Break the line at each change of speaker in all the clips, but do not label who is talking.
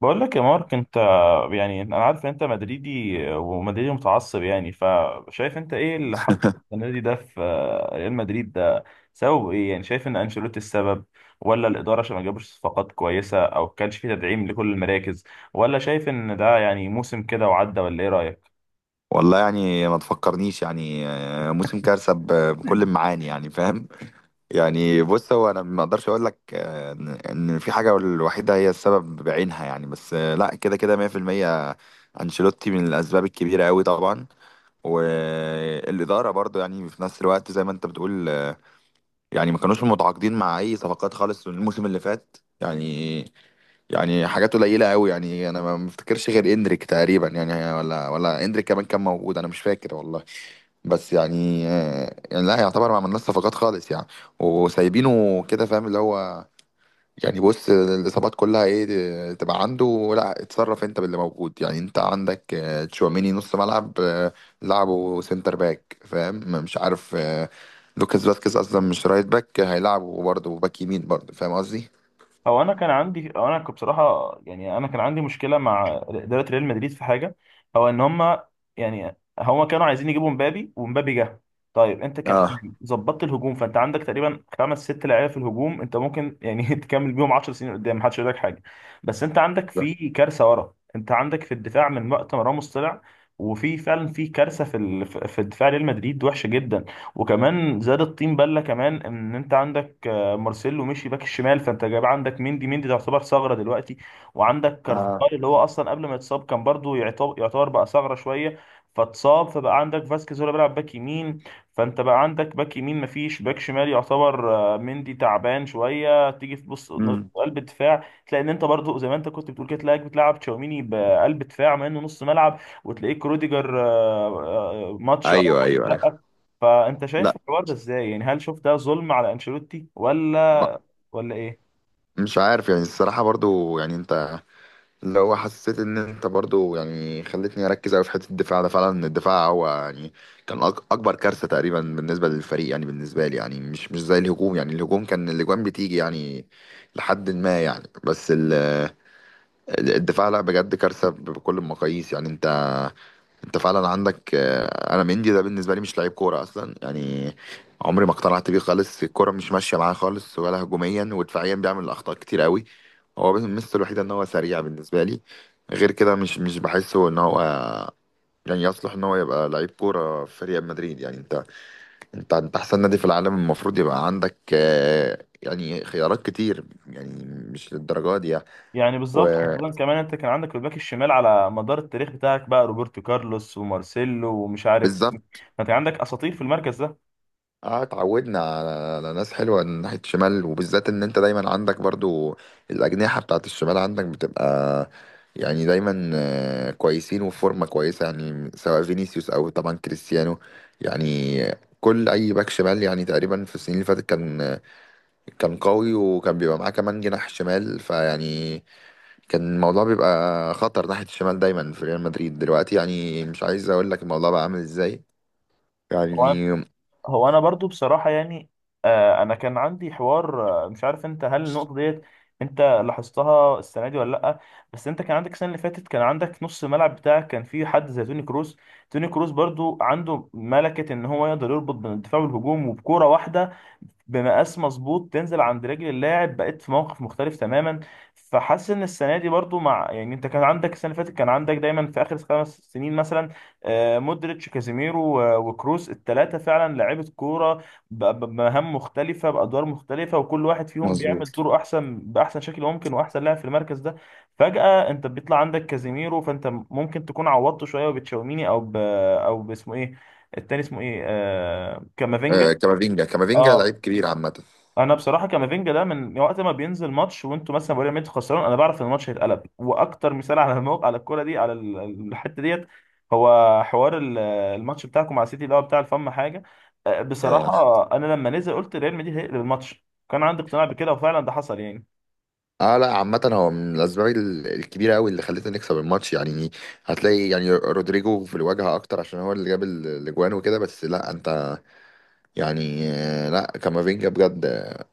بقول لك يا مارك انت. يعني انا عارف ان انت مدريدي ومدريدي متعصب، يعني فشايف انت ايه اللي حصل السنه دي ده في ريال مدريد ده؟ سبب ايه؟ يعني شايف ان انشيلوتي السبب ولا الاداره عشان ما جابش صفقات كويسه او كانش في تدعيم لكل المراكز، ولا شايف ان ده يعني موسم كده وعدى؟ ولا ايه رايك؟
والله يعني ما تفكرنيش يعني موسم كارثة بكل المعاني يعني فاهم. يعني بص هو انا ما اقدرش اقول لك إن في حاجة الوحيدة هي السبب بعينها يعني بس لا كده كده 100% انشيلوتي من الاسباب الكبيرة قوي طبعا. والإدارة برضو يعني في نفس الوقت زي ما انت بتقول يعني ما كانوش متعاقدين مع اي صفقات خالص الموسم اللي فات يعني. يعني حاجات قليلة أوي يعني أنا ما مفتكرش غير إندريك تقريبا يعني ولا إندريك كمان كان موجود، أنا مش فاكر والله. بس يعني يعني لا يعتبر ما عملناش صفقات خالص يعني، وسايبينه كده فاهم اللي هو. يعني بص الإصابات كلها إيه تبقى عنده، لا اتصرف أنت باللي موجود يعني. أنت عندك تشواميني نص ملعب، لعبه سنتر باك، فاهم؟ مش عارف آه، لوكاس فاسكيز أصلا مش رايت باك، هيلعبه برضه باك يمين برضه، فاهم قصدي؟
هو انا كنت بصراحه، يعني انا كان عندي مشكله مع اداره ريال مدريد في حاجه، هو ان هم يعني هم كانوا عايزين يجيبوا مبابي ومبابي جه. طيب انت كان
اه.
يعني ظبطت الهجوم، فانت عندك تقريبا خمس ست لعيبه في الهجوم، انت ممكن يعني تكمل بيهم 10 سنين قدام محدش يقول لك حاجه. بس انت عندك في كارثه ورا، انت عندك في الدفاع من وقت ما راموس طلع، وفي فعلا في كارثه في ال- في في دفاع ريال مدريد وحشه جدا. وكمان زاد الطين بله، كمان ان انت عندك مارسيلو مشي باك الشمال، فانت جايب عندك مندي، مندي تعتبر ثغره دلوقتي، وعندك
اه.
كارفاخال اللي هو اصلا قبل ما يتصاب كان برضو يعتبر بقى ثغره شويه، فاتصاب، فبقى عندك فاسكيز هو اللي بيلعب باك يمين، فانت بقى عندك باك يمين مفيش باك شمال يعتبر، مندي تعبان شويه، تيجي في بص
امم
قلب الدفاع تلاقي ان انت برضو زي ما انت كنت بتقول كده، تلاقيك بتلعب تشاوميني بقلب دفاع مع انه نص ملعب، وتلاقيك روديجر ماتش
ايوه ايوه ايوه.
لا. فانت شايف
لا.
الحوار ده ازاي؟ يعني هل شوف ده ظلم على انشيلوتي
ب-
ولا ايه؟
مش عارف يعني الصراحه، برضو يعني انت لو حسيت ان انت برضو يعني خلتني اركز قوي في حته الدفاع ده، فعلا الدفاع هو يعني كان اكبر كارثه تقريبا بالنسبه للفريق يعني، بالنسبه لي يعني، مش زي الهجوم. يعني الهجوم كان الاجوان بتيجي يعني لحد ما يعني. بس الدفاع لا بجد كارثه بكل المقاييس يعني. انت انت فعلا عندك انا مندي ده بالنسبه لي مش لعيب كوره اصلا يعني، عمري ما اقتنعت بيه خالص، الكوره مش ماشيه معاه خالص، ولا هجوميا ودفاعيا بيعمل اخطاء كتير قوي. هو بس الميزه الوحيده ان هو سريع بالنسبه لي، غير كده مش بحسه ان هو يعني يصلح ان هو يبقى لعيب كوره في ريال مدريد يعني. انت انت احسن نادي في العالم، المفروض يبقى عندك يعني خيارات كتير يعني، مش للدرجه دي يعني.
يعني بالظبط، خاصة كمان انت كان عندك الباك الشمال على مدار التاريخ بتاعك بقى روبرتو كارلوس ومارسيلو ومش عارف مين.
وبالظبط.
ما انت عندك اساطير في المركز ده.
اه اتعودنا على ناس حلوه من ناحيه الشمال، وبالذات ان انت دايما عندك برضو الاجنحه بتاعت الشمال عندك بتبقى يعني دايما كويسين وفي فورمه كويسه يعني، سواء فينيسيوس او طبعا كريستيانو يعني. كل اي باك شمال يعني تقريبا في السنين اللي فاتت كان كان قوي، وكان بيبقى معاه كمان جناح شمال، فيعني كان الموضوع بيبقى خطر ناحيه الشمال دايما في ريال مدريد. دلوقتي يعني مش عايز اقول لك الموضوع بقى عامل ازاي يعني.
هو انا برضو بصراحه، يعني انا كان عندي حوار، مش عارف انت هل النقطه ديت انت لاحظتها السنه دي ولا لا؟ بس انت كان عندك السنه اللي فاتت كان عندك نص الملعب بتاعك كان فيه حد زي توني كروس. توني كروس برضو عنده ملكه ان هو يقدر يربط بين الدفاع والهجوم، وبكوره واحده بمقاس مظبوط تنزل عند رجل اللاعب بقيت في موقف مختلف تماما. فحاسس ان السنه دي برضو مع يعني انت كان عندك السنه اللي فاتت كان عندك دايما في اخر خمس سنين مثلا مودريتش، كازيميرو و- وكروس، الثلاثه فعلا لعيبه كوره ب- ب- بمهام مختلفه، بادوار مختلفه، وكل واحد فيهم
مظبوط.
بيعمل دوره احسن باحسن شكل ممكن، واحسن لاعب في المركز ده. فجاه انت بيطلع عندك كازيميرو، فانت ممكن تكون عوضته شويه وبتشاوميني او باسمه ايه، التاني اسمه ايه، كامافينجا.
آه كامافينجا كامافينجا
اه،
لعيب كبير عامة.
انا بصراحه كامافينجا ده من وقت ما بينزل ماتش وانتوا مثلا بايرن ميونخ خسران، انا بعرف ان الماتش هيتقلب. واكتر مثال على الموقع على الكوره دي الحته ديت، هو حوار الماتش بتاعكم مع سيتي اللي هو بتاع الفم حاجه.
يا
بصراحه انا لما نزل قلت ريال مدريد هيقلب الماتش، كان عندي اقتناع بكده وفعلا ده حصل يعني.
اه لا عامة هو من الأسباب الكبيرة أوي اللي خلتنا نكسب الماتش يعني. هتلاقي يعني رودريجو في الواجهة أكتر عشان هو اللي جاب الأجوان وكده، بس لا أنت يعني لا كامافينجا بجد،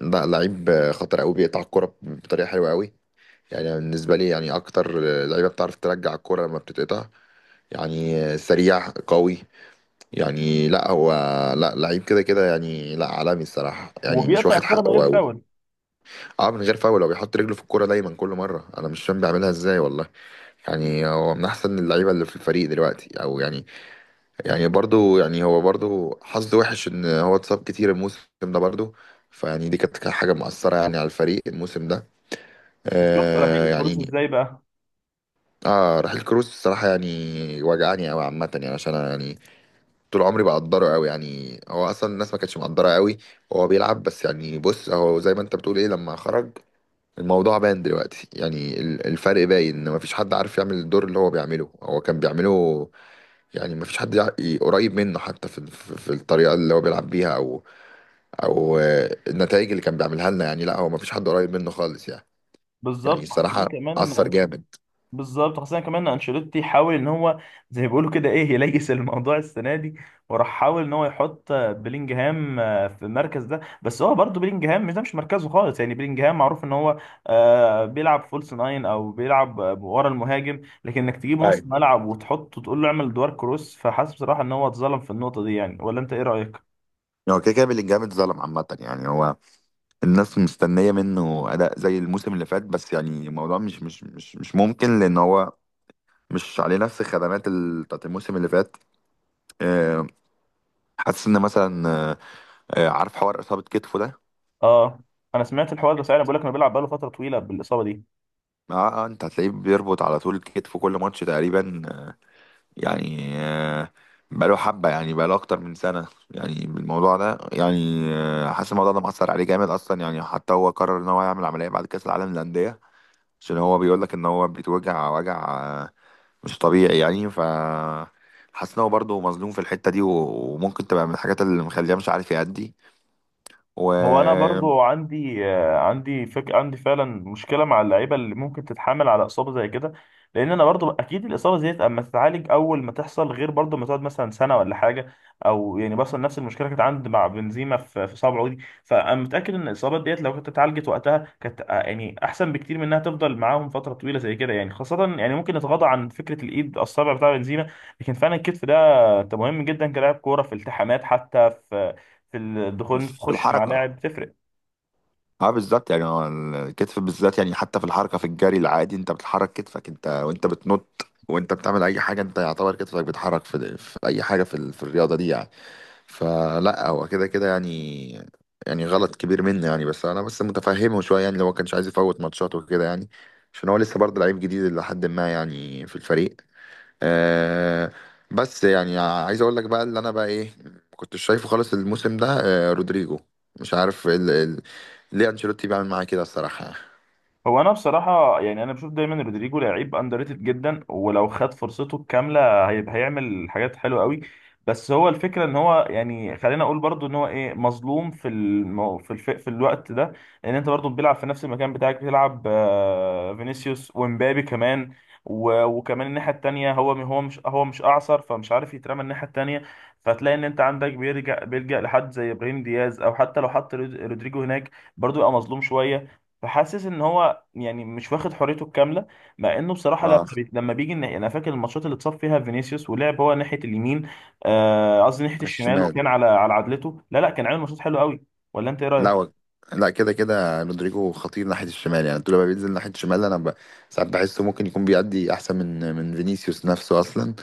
لا لعيب خطر أوي، بيقطع الكورة بطريقة حلوة أوي يعني. بالنسبة لي يعني أكتر لعيبة بتعرف ترجع الكورة لما بتتقطع، يعني سريع قوي يعني. لا هو لا لعيب كده كده يعني، لا عالمي الصراحة يعني مش
وبيقطع
واخد
الكوره
حقه.
من غير فاول.
اه من غير فاول، هو بيحط رجله في الكوره دايما كل مره، انا مش فاهم بيعملها ازاي والله. يعني هو من احسن اللعيبه اللي في الفريق دلوقتي، او يعني يعني برضو يعني هو برضو حظه وحش ان هو اتصاب كتير الموسم ده برضو، فيعني دي كانت حاجه مؤثره يعني على الفريق الموسم ده
وشفت
آه
رحيل كروس
يعني.
ازاي بقى.
اه رحيل كروس الصراحه يعني وجعني قوي عامه، يعني عشان أنا يعني طول عمري بقدره قوي يعني، هو اصلا الناس ما كانتش مقدره قوي وهو بيلعب. بس يعني بص هو زي ما انت بتقول ايه، لما خرج الموضوع باين دلوقتي يعني، الفرق باين، ان مفيش حد عارف يعمل الدور اللي هو بيعمله هو كان بيعمله يعني. مفيش حد قريب منه، حتى في في الطريقة اللي هو بيلعب بيها، او او النتائج اللي كان بيعملها لنا يعني. لا هو مفيش حد قريب منه خالص يعني. يعني
بالظبط خاصه
الصراحة
كمان
أثر
ان
جامد.
بالظبط خاصة كمان انشيلوتي حاول ان هو زي ما بيقولوا كده ايه يليس الموضوع السنة دي، وراح حاول ان هو يحط بلينجهام في المركز ده، بس هو برضه بلينجهام مش، ده مش مركزه خالص يعني. بلينجهام معروف ان هو بيلعب فولس ناين او بيلعب ورا المهاجم، لكن انك تجيبه نص
أيوة.
ملعب وتحطه تقول له اعمل دوار كروس، فحاسس بصراحة ان هو اتظلم في النقطة دي، يعني ولا انت ايه رأيك؟
هو كده كده بلينجهام اتظلم عامة يعني. هو الناس مستنية منه أداء زي الموسم اللي فات، بس يعني الموضوع مش ممكن، لأن هو مش عليه نفس الخدمات بتاعت الموسم اللي فات. آه، حاسس إن مثلا عارف حوار اصابه كتفه ده.
اه، انا سمعت الحوار ده فعلا، بقول لك انه بيلعب بقاله فترة طويلة بالاصابة دي.
اه. انت هتلاقيه بيربط على طول كتفه كل ماتش تقريبا يعني، بقاله حبه يعني، بقاله اكتر من سنه يعني الموضوع ده يعني. حاسس الموضوع ده مأثر عليه جامد اصلا، يعني حتى هو قرر ان هو يعمل عمليه بعد كاس العالم للانديه، عشان هو بيقول لك ان هو بيتوجع وجع آه، مش طبيعي يعني. ف حاسس ان هو برضه مظلوم في الحته دي، وممكن تبقى من الحاجات اللي مخليه مش عارف يأدي
هو انا
وفي
برضو عندي آه، عندي فك عندي فعلا مشكله مع اللعيبه اللي ممكن تتحمل على اصابه زي كده، لان انا برضو اكيد الاصابه ديت اما تتعالج اول ما تحصل غير برضو ما تقعد مثلا سنه ولا حاجه، او يعني مثلا نفس المشكله كانت عندي مع بنزيما في صابعه دي. فانا متاكد ان الاصابات ديت لو كانت اتعالجت وقتها كانت، يعني احسن بكتير من انها تفضل معاهم فتره طويله زي كده يعني. خاصه يعني ممكن نتغاضى عن فكره الايد، الصابع بتاع بنزيما، لكن فعلا الكتف ده مهم جدا كلاعب كوره في التحامات، حتى في الدخول، انت تخش مع
الحركه.
لاعب تفرق.
اه بالظبط يعني هو الكتف بالذات يعني حتى في الحركه في الجري العادي، انت بتحرك كتفك انت وانت بتنط وانت بتعمل اي حاجه، انت يعتبر كتفك بيتحرك في اي حاجه في, في الرياضه دي يعني. فلا هو كده كده يعني، يعني غلط كبير منه يعني، بس انا بس متفهمه شويه يعني لو ما كانش عايز يفوت ماتشات وكده يعني، عشان هو لسه برضه لعيب جديد لحد ما يعني في الفريق آه. بس يعني عايز اقول لك بقى اللي انا بقى ايه ما كنتش شايفه خالص الموسم ده، آه رودريجو، مش عارف ليه انشيلوتي بيعمل معاه كده الصراحه.
هو انا بصراحه يعني انا بشوف دايما رودريجو لعيب اندر ريتد جدا، ولو خد فرصته الكامله هيبقى هيعمل حاجات حلوه قوي. بس هو الفكره ان هو يعني خلينا اقول برضو ان هو ايه مظلوم في الم... في الف... في الوقت ده، لان انت برضو بيلعب في نفس المكان بتاعك بيلعب فينيسيوس ومبابي كمان و... وكمان الناحيه التانيه، هو مش اعصر، فمش عارف يترمى الناحيه التانيه. فتلاقي ان انت عندك بيرجع بيلجأ لحد زي ابراهيم دياز، او حتى لو حط رودريجو هناك برضو يبقى مظلوم شويه. فحاسس ان هو يعني مش واخد حريته الكامله، مع انه بصراحه
اه
لما بيجي انا فاكر الماتشات اللي اتصاب فيها فينيسيوس ولعب هو ناحيه اليمين، قصدي ناحيه
على
الشمال،
الشمال.
وكان على عدلته لا لا كان عامل ماتشات حلوه قوي. ولا انت ايه
لا
رايك؟
هو لا كده كده رودريجو خطير ناحيه الشمال يعني، طول ما بينزل ناحيه الشمال انا ساعات بحسه ممكن يكون بيأدي احسن من فينيسيوس نفسه اصلا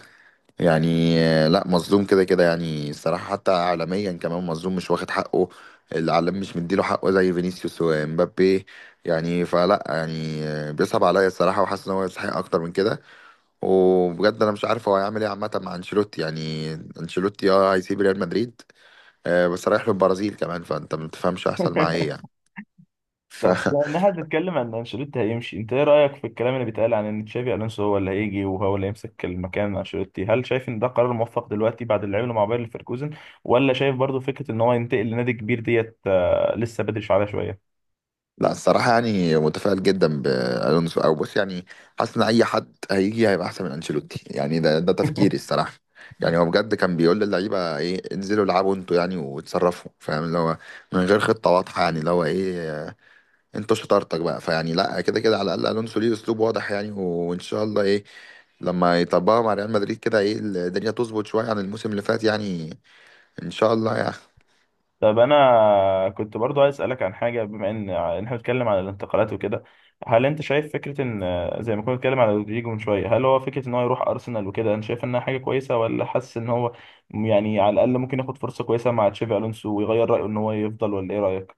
يعني. لا مظلوم كده كده يعني الصراحة، حتى عالميا كمان مظلوم مش واخد حقه، العالم مش مديله حقه زي فينيسيوس ومبابي يعني. فلا يعني بيصعب عليا الصراحة، وحاسس ان هو يستحق اكتر من كده. وبجد انا مش عارف هو هيعمل ايه عامة مع انشيلوتي يعني. انشيلوتي اه هيسيب ريال مدريد، بس رايح للبرازيل كمان، فانت ما بتفهمش هيحصل معاه ايه يعني. ف
طب بما انها بتتكلم عن إن انشيلوتي هيمشي، انت ايه رايك في الكلام اللي بيتقال عن ان تشافي الونسو هو اللي هيجي وهو اللي يمسك المكان انشيلوتي؟ هل شايف ان ده قرار موفق دلوقتي بعد اللي عمله مع باير ليفركوزن، ولا شايف برضو فكره ان هو ينتقل لنادي كبير ديت لسه بدري عليها شويه؟
لا الصراحة يعني متفائل جدا بألونسو، أو بص يعني حاسس إن أي حد هيجي هيبقى أحسن من أنشيلوتي يعني، ده ده تفكيري الصراحة. يعني هو بجد كان بيقول للعيبة إيه انزلوا العبوا أنتوا يعني وتصرفوا، فاهم اللي هو من غير خطة واضحة يعني، اللي هو إيه أنتوا شطارتك بقى. فيعني لا كده كده على الأقل ألونسو ليه أسلوب واضح يعني، وإن شاء الله إيه لما يطبقها مع ريال مدريد كده، إيه الدنيا تظبط شوية عن الموسم اللي فات يعني، إن شاء الله يعني.
طب انا كنت برضو عايز اسالك عن حاجه، بما ان إن احنا بنتكلم عن الانتقالات وكده، هل انت شايف فكره ان زي ما كنا بنتكلم على رودريجو من شويه، هل هو فكره ان هو يروح ارسنال وكده انت شايف انها حاجه كويسه، ولا حاسس ان هو يعني على الاقل ممكن ياخد فرصه كويسه مع تشافي الونسو ويغير رايه ان هو يفضل؟ ولا ايه رايك؟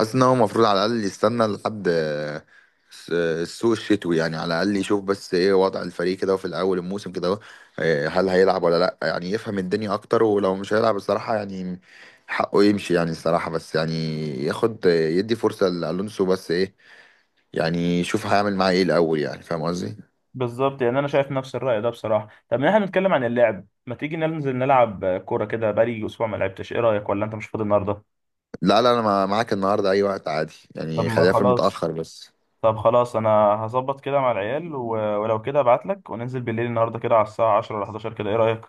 حاسس ان هو المفروض على الاقل يستنى لحد السوق الشتوي يعني، على الاقل يشوف بس ايه وضع الفريق كده في الاول الموسم كده، إيه هل هيلعب ولا لا يعني، يفهم الدنيا اكتر. ولو مش هيلعب الصراحه يعني حقه يمشي يعني الصراحه، بس يعني ياخد يدي فرصه لالونسو بس ايه يعني، يشوف هيعمل معاه ايه الاول يعني، فاهم قصدي؟
بالظبط، يعني انا شايف نفس الراي ده بصراحه. طب إن احنا بنتكلم عن اللعب، ما تيجي ننزل نلعب كوره كده، بقالي اسبوع ما لعبتش، ايه رايك؟ ولا انت مش فاضي النهارده؟
لا لا انا معاك النهارده اي وقت عادي
طب
يعني،
ما
خليها في
خلاص،
المتاخر بس.
طب خلاص انا هظبط كده مع العيال ولو كده ابعت لك، وننزل بالليل النهارده كده على الساعه 10 ولا 11، كده ايه رايك؟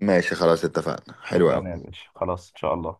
ماشي خلاص اتفقنا حلو قوي.
اتفقنا يا باشا، خلاص ان شاء الله.